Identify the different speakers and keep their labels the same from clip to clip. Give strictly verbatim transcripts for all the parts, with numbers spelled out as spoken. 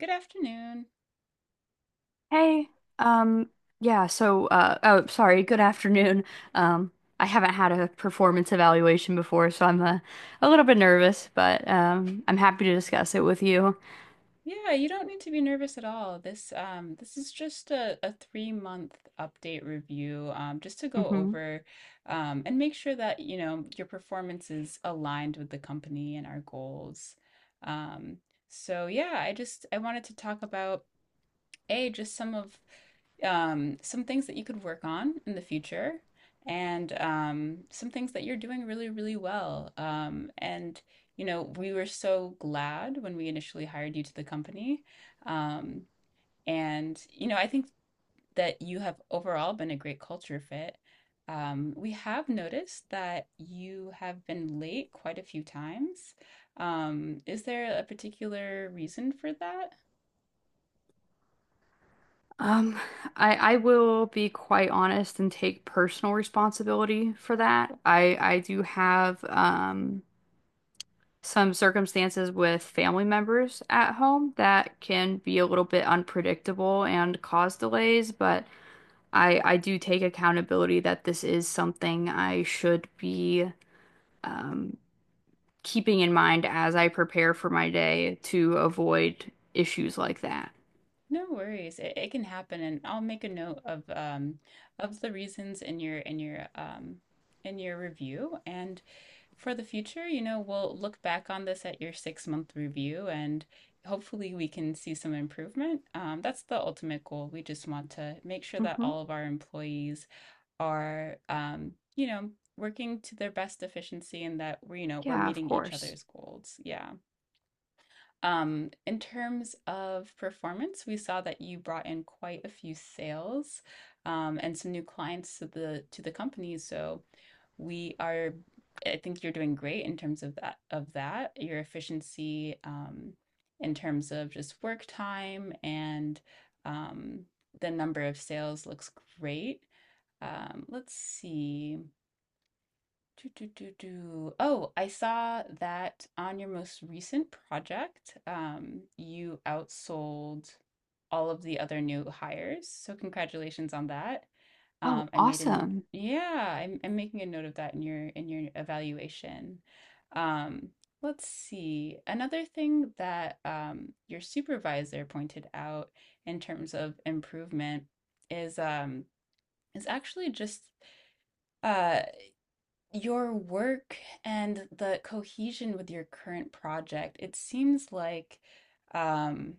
Speaker 1: Good afternoon.
Speaker 2: Hey, um, yeah, so, uh, oh, sorry, Good afternoon. Um, I haven't had a performance evaluation before, so I'm a, a little bit nervous, but um, I'm happy to discuss it with you.
Speaker 1: Yeah, you don't need to be nervous at all. This um this is just a, a three month update review, um just to go
Speaker 2: hmm
Speaker 1: over um and make sure that you know your performance is aligned with the company and our goals. Um so yeah, I just I wanted to talk about A, just some of um, some things that you could work on in the future and um, some things that you're doing really, really well. Um, and, you know, we were so glad when we initially hired you to the company. Um, and, you know, I think that you have overall been a great culture fit. Um, we have noticed that you have been late quite a few times. Um, is there a particular reason for that?
Speaker 2: Um, I, I will be quite honest and take personal responsibility for that. I, I do have, um, some circumstances with family members at home that can be a little bit unpredictable and cause delays, but I I do take accountability that this is something I should be um, keeping in mind as I prepare for my day to avoid issues like that.
Speaker 1: No worries. It, it can happen, and I'll make a note of um of the reasons in your in your um in your review. And for the future, you know, we'll look back on this at your six month review, and hopefully we can see some improvement. Um, that's the ultimate goal. We just want to make sure that
Speaker 2: Hmm.
Speaker 1: all of our employees are, um, you know, working to their best efficiency and that we're, you know, we're
Speaker 2: Yeah, of
Speaker 1: meeting each
Speaker 2: course.
Speaker 1: other's goals. Yeah. Um, in terms of performance, we saw that you brought in quite a few sales, um, and some new clients to the to the company. So we are, I think you're doing great in terms of that of that. Your efficiency, um, in terms of just work time and, um, the number of sales looks great. Um, let's see. Do, do, do, do. Oh, I saw that on your most recent project, um, you outsold all of the other new hires. So congratulations on that.
Speaker 2: Oh,
Speaker 1: Um, I made an
Speaker 2: awesome.
Speaker 1: Yeah, I'm I'm making a note of that in your in your evaluation. Um, let's see. Another thing that, um, your supervisor pointed out in terms of improvement is um, is actually just uh your work and the cohesion with your current project. It seems like, um,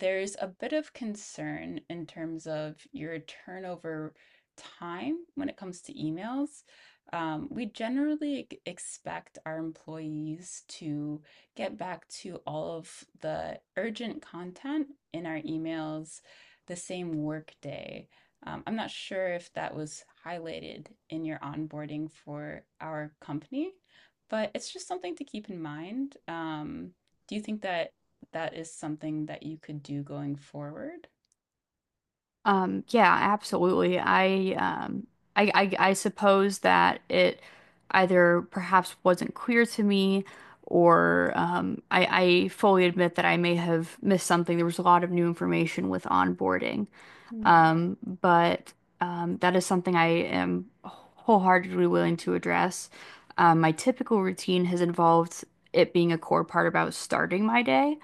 Speaker 1: there's a bit of concern in terms of your turnover time when it comes to emails. Um, we generally ex- expect our employees to get back to all of the urgent content in our emails the same workday. Um, I'm not sure if that was highlighted in your onboarding for our company, but it's just something to keep in mind. Um, do you think that? That is something that you could do going forward.
Speaker 2: Um, yeah, absolutely. I um I, I I suppose that it either perhaps wasn't clear to me or um I, I fully admit that I may have missed something. There was a lot of new information with onboarding.
Speaker 1: Yeah.
Speaker 2: Um, but um, that is something I am wholeheartedly willing to address. Um, my typical routine has involved it being a core part about starting my day.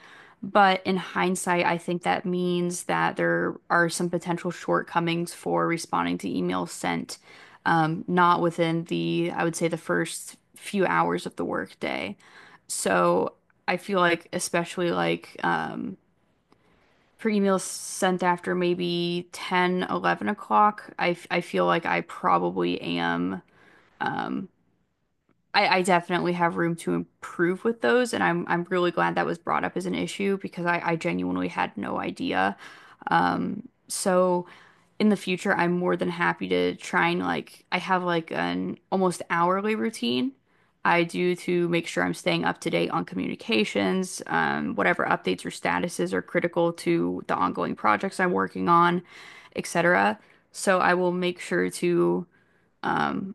Speaker 2: But in hindsight, I think that means that there are some potential shortcomings for responding to emails sent, um, not within the, I would say, the first few hours of the workday. So I feel like, especially like, um, for emails sent after maybe ten, eleven 11 o'clock, I, f- I feel like I probably am. Um, I, I definitely have room to improve with those, and I'm I'm really glad that was brought up as an issue because I, I genuinely had no idea. Um, so in the future, I'm more than happy to try and like I have like an almost hourly routine I do to make sure I'm staying up to date on communications, um, whatever updates or statuses are critical to the ongoing projects I'm working on, et cetera. So I will make sure to um,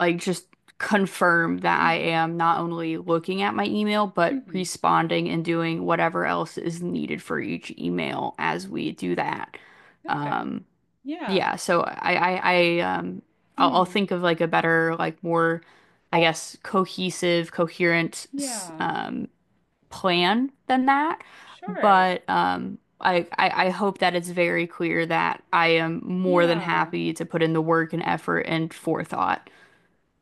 Speaker 2: like just confirm that I
Speaker 1: hmm
Speaker 2: am not only looking at my email, but
Speaker 1: hmm
Speaker 2: responding and doing whatever else is needed for each email as we do that.
Speaker 1: Okay.
Speaker 2: Um,
Speaker 1: Yeah.
Speaker 2: yeah, so I, I, I, um, I'll, I'll
Speaker 1: Mm.
Speaker 2: think of like a better, like more, I guess, cohesive, coherent, s-
Speaker 1: Yeah.
Speaker 2: um, plan than that.
Speaker 1: Sure.
Speaker 2: But um, I, I, I hope that it's very clear that I am more than
Speaker 1: Yeah.
Speaker 2: happy to put in the work and effort and forethought.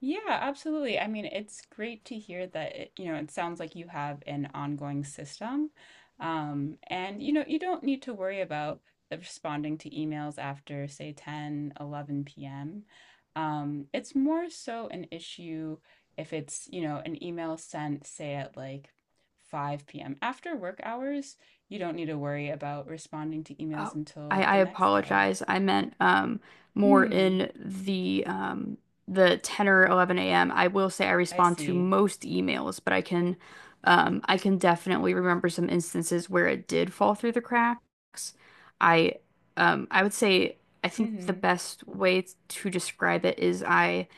Speaker 1: Yeah, absolutely. I mean, it's great to hear that, it, you know, it sounds like you have an ongoing system. Um, and you know, you don't need to worry about the responding to emails after, say, ten, eleven p m. Um, it's more so an issue if it's, you know, an email sent, say, at like five p m. After work hours, you don't need to worry about responding to emails
Speaker 2: Oh, I,
Speaker 1: until
Speaker 2: I
Speaker 1: the next day.
Speaker 2: apologize. I meant um more
Speaker 1: Hmm,
Speaker 2: in the um the ten or eleven a m. I will say I
Speaker 1: I
Speaker 2: respond to
Speaker 1: see.
Speaker 2: most emails, but I can um I can definitely remember some instances where it did fall through the cracks. I um I would say I think the
Speaker 1: Mm-hmm.
Speaker 2: best way to describe it is I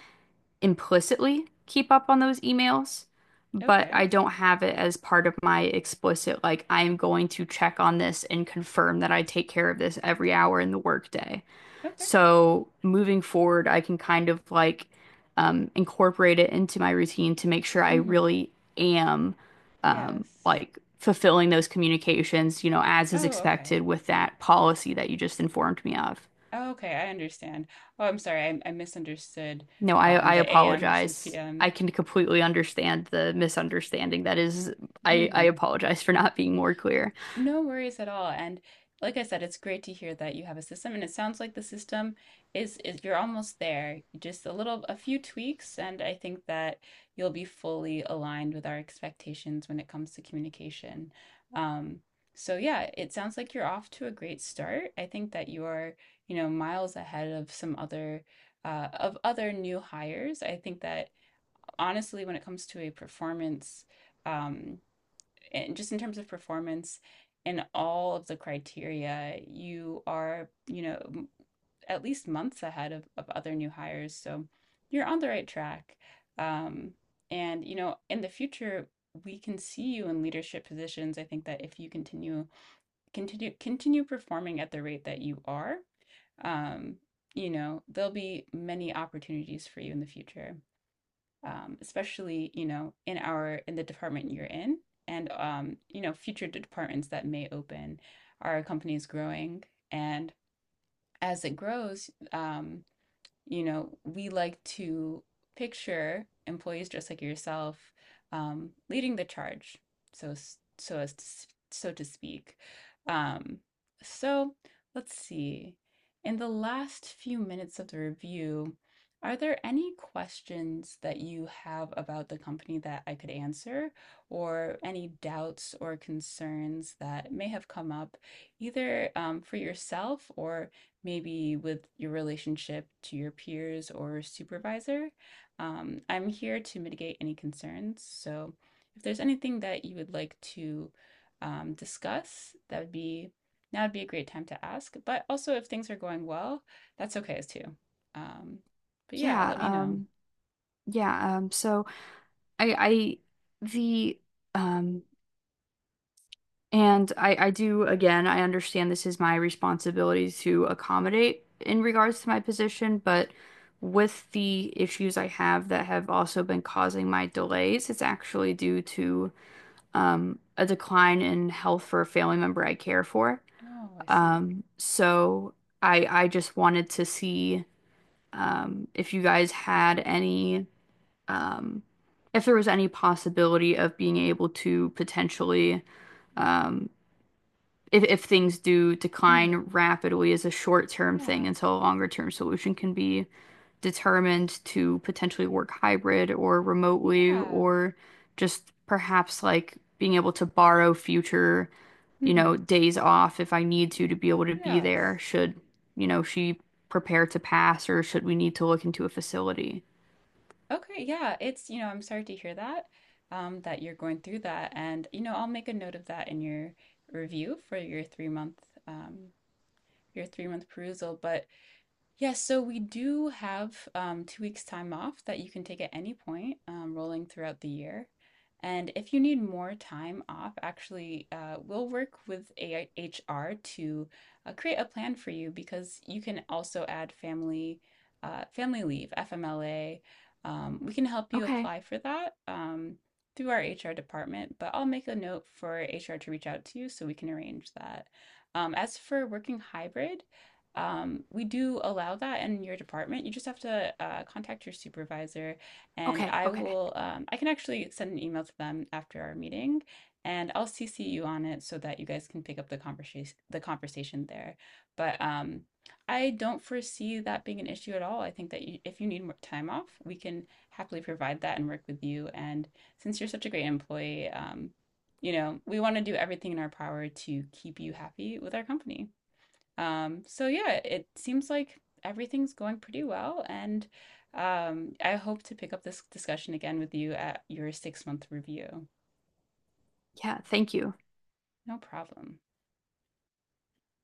Speaker 2: implicitly keep up on those emails, but
Speaker 1: Okay.
Speaker 2: I don't have it as part of my explicit, like, I am going to check on this and confirm that I take care of this every hour in the workday.
Speaker 1: Okay.
Speaker 2: So moving forward, I can kind of like um, incorporate it into my routine to make sure I
Speaker 1: Mm-hmm.
Speaker 2: really am um,
Speaker 1: Yes.
Speaker 2: like fulfilling those communications, you know, as is
Speaker 1: Oh, okay.
Speaker 2: expected with that policy that you just informed me of.
Speaker 1: Oh, okay, I understand. Oh, I'm sorry. I, I misunderstood,
Speaker 2: No, I
Speaker 1: um,
Speaker 2: I
Speaker 1: the A M versus
Speaker 2: apologize. I
Speaker 1: P M.
Speaker 2: can completely understand the misunderstanding. That is, I I
Speaker 1: hmm
Speaker 2: apologize for not being more clear.
Speaker 1: No worries at all. And like I said, it's great to hear that you have a system, and it sounds like the system is is you're almost there. Just a little, a few tweaks, and I think that you'll be fully aligned with our expectations when it comes to communication. Um, so yeah, it sounds like you're off to a great start. I think that you are, you know, miles ahead of some other uh, of other new hires. I think that honestly, when it comes to a performance, um and just in terms of performance and all of the criteria, you are, you know, at least months ahead of, of other new hires. So you're on the right track. Um, and, you know, in the future, we can see you in leadership positions. I think that if you continue, continue, continue performing at the rate that you are, um, you know, there'll be many opportunities for you in the future, um, especially you know in our in the department you're in and, um, you know, future departments that may open. Our company is growing, and as it grows, um, you know, we like to picture employees just like yourself, um, leading the charge, so so as to, so to speak. Um, so let's see. In the last few minutes of the review, are there any questions that you have about the company that I could answer, or any doubts or concerns that may have come up, either, um, for yourself or maybe with your relationship to your peers or supervisor. Um, I'm here to mitigate any concerns. So if there's anything that you would like to, um, discuss, that would be, now would be a great time to ask. But also, if things are going well, that's okay as too. Um, but yeah,
Speaker 2: Yeah,
Speaker 1: let me know.
Speaker 2: um, yeah, um, so I I the um and I I do again, I understand this is my responsibility to accommodate in regards to my position, but with the issues I have that have also been causing my delays, it's actually due to um a decline in health for a family member I care for.
Speaker 1: Oh, I see.
Speaker 2: Um, so I I just wanted to see um, if you guys had any, um, if there was any possibility of being able to potentially, um, if, if things do decline
Speaker 1: Mm-hmm.
Speaker 2: rapidly is a short-term thing
Speaker 1: Yeah.
Speaker 2: until a longer-term solution can be determined, to potentially work hybrid or remotely
Speaker 1: Yeah.
Speaker 2: or just perhaps like being able to borrow future, you know,
Speaker 1: Mm-hmm.
Speaker 2: days off if I need to to be able to be there
Speaker 1: Yes.
Speaker 2: should, you know, she prepare to pass or should we need to look into a facility.
Speaker 1: Okay, yeah, it's, you know, I'm sorry to hear that, um, that you're going through that. And, you know, I'll make a note of that in your review for your three month, um, your three month perusal. But yes, so we do have, um, two weeks' time off that you can take at any point, um, rolling throughout the year. And if you need more time off, actually, uh, we'll work with A H R to uh, create a plan for you, because you can also add family uh, family leave, F M L A. Um, we can help you
Speaker 2: Okay.
Speaker 1: apply for that, um, through our H R department, but I'll make a note for H R to reach out to you so we can arrange that. Um, as for working hybrid, um, we do allow that in your department. You just have to uh, contact your supervisor, and
Speaker 2: Okay.
Speaker 1: I
Speaker 2: Okay.
Speaker 1: will, um, I can actually send an email to them after our meeting, and I'll C C you on it so that you guys can pick up the conversation, the conversation there. But um, I don't foresee that being an issue at all. I think that you, if you need more time off, we can happily provide that and work with you. And since you're such a great employee, um, you know, we want to do everything in our power to keep you happy with our company. Um, so yeah, it seems like everything's going pretty well, and, um, I hope to pick up this discussion again with you at your six month review.
Speaker 2: Yeah, thank you.
Speaker 1: No problem.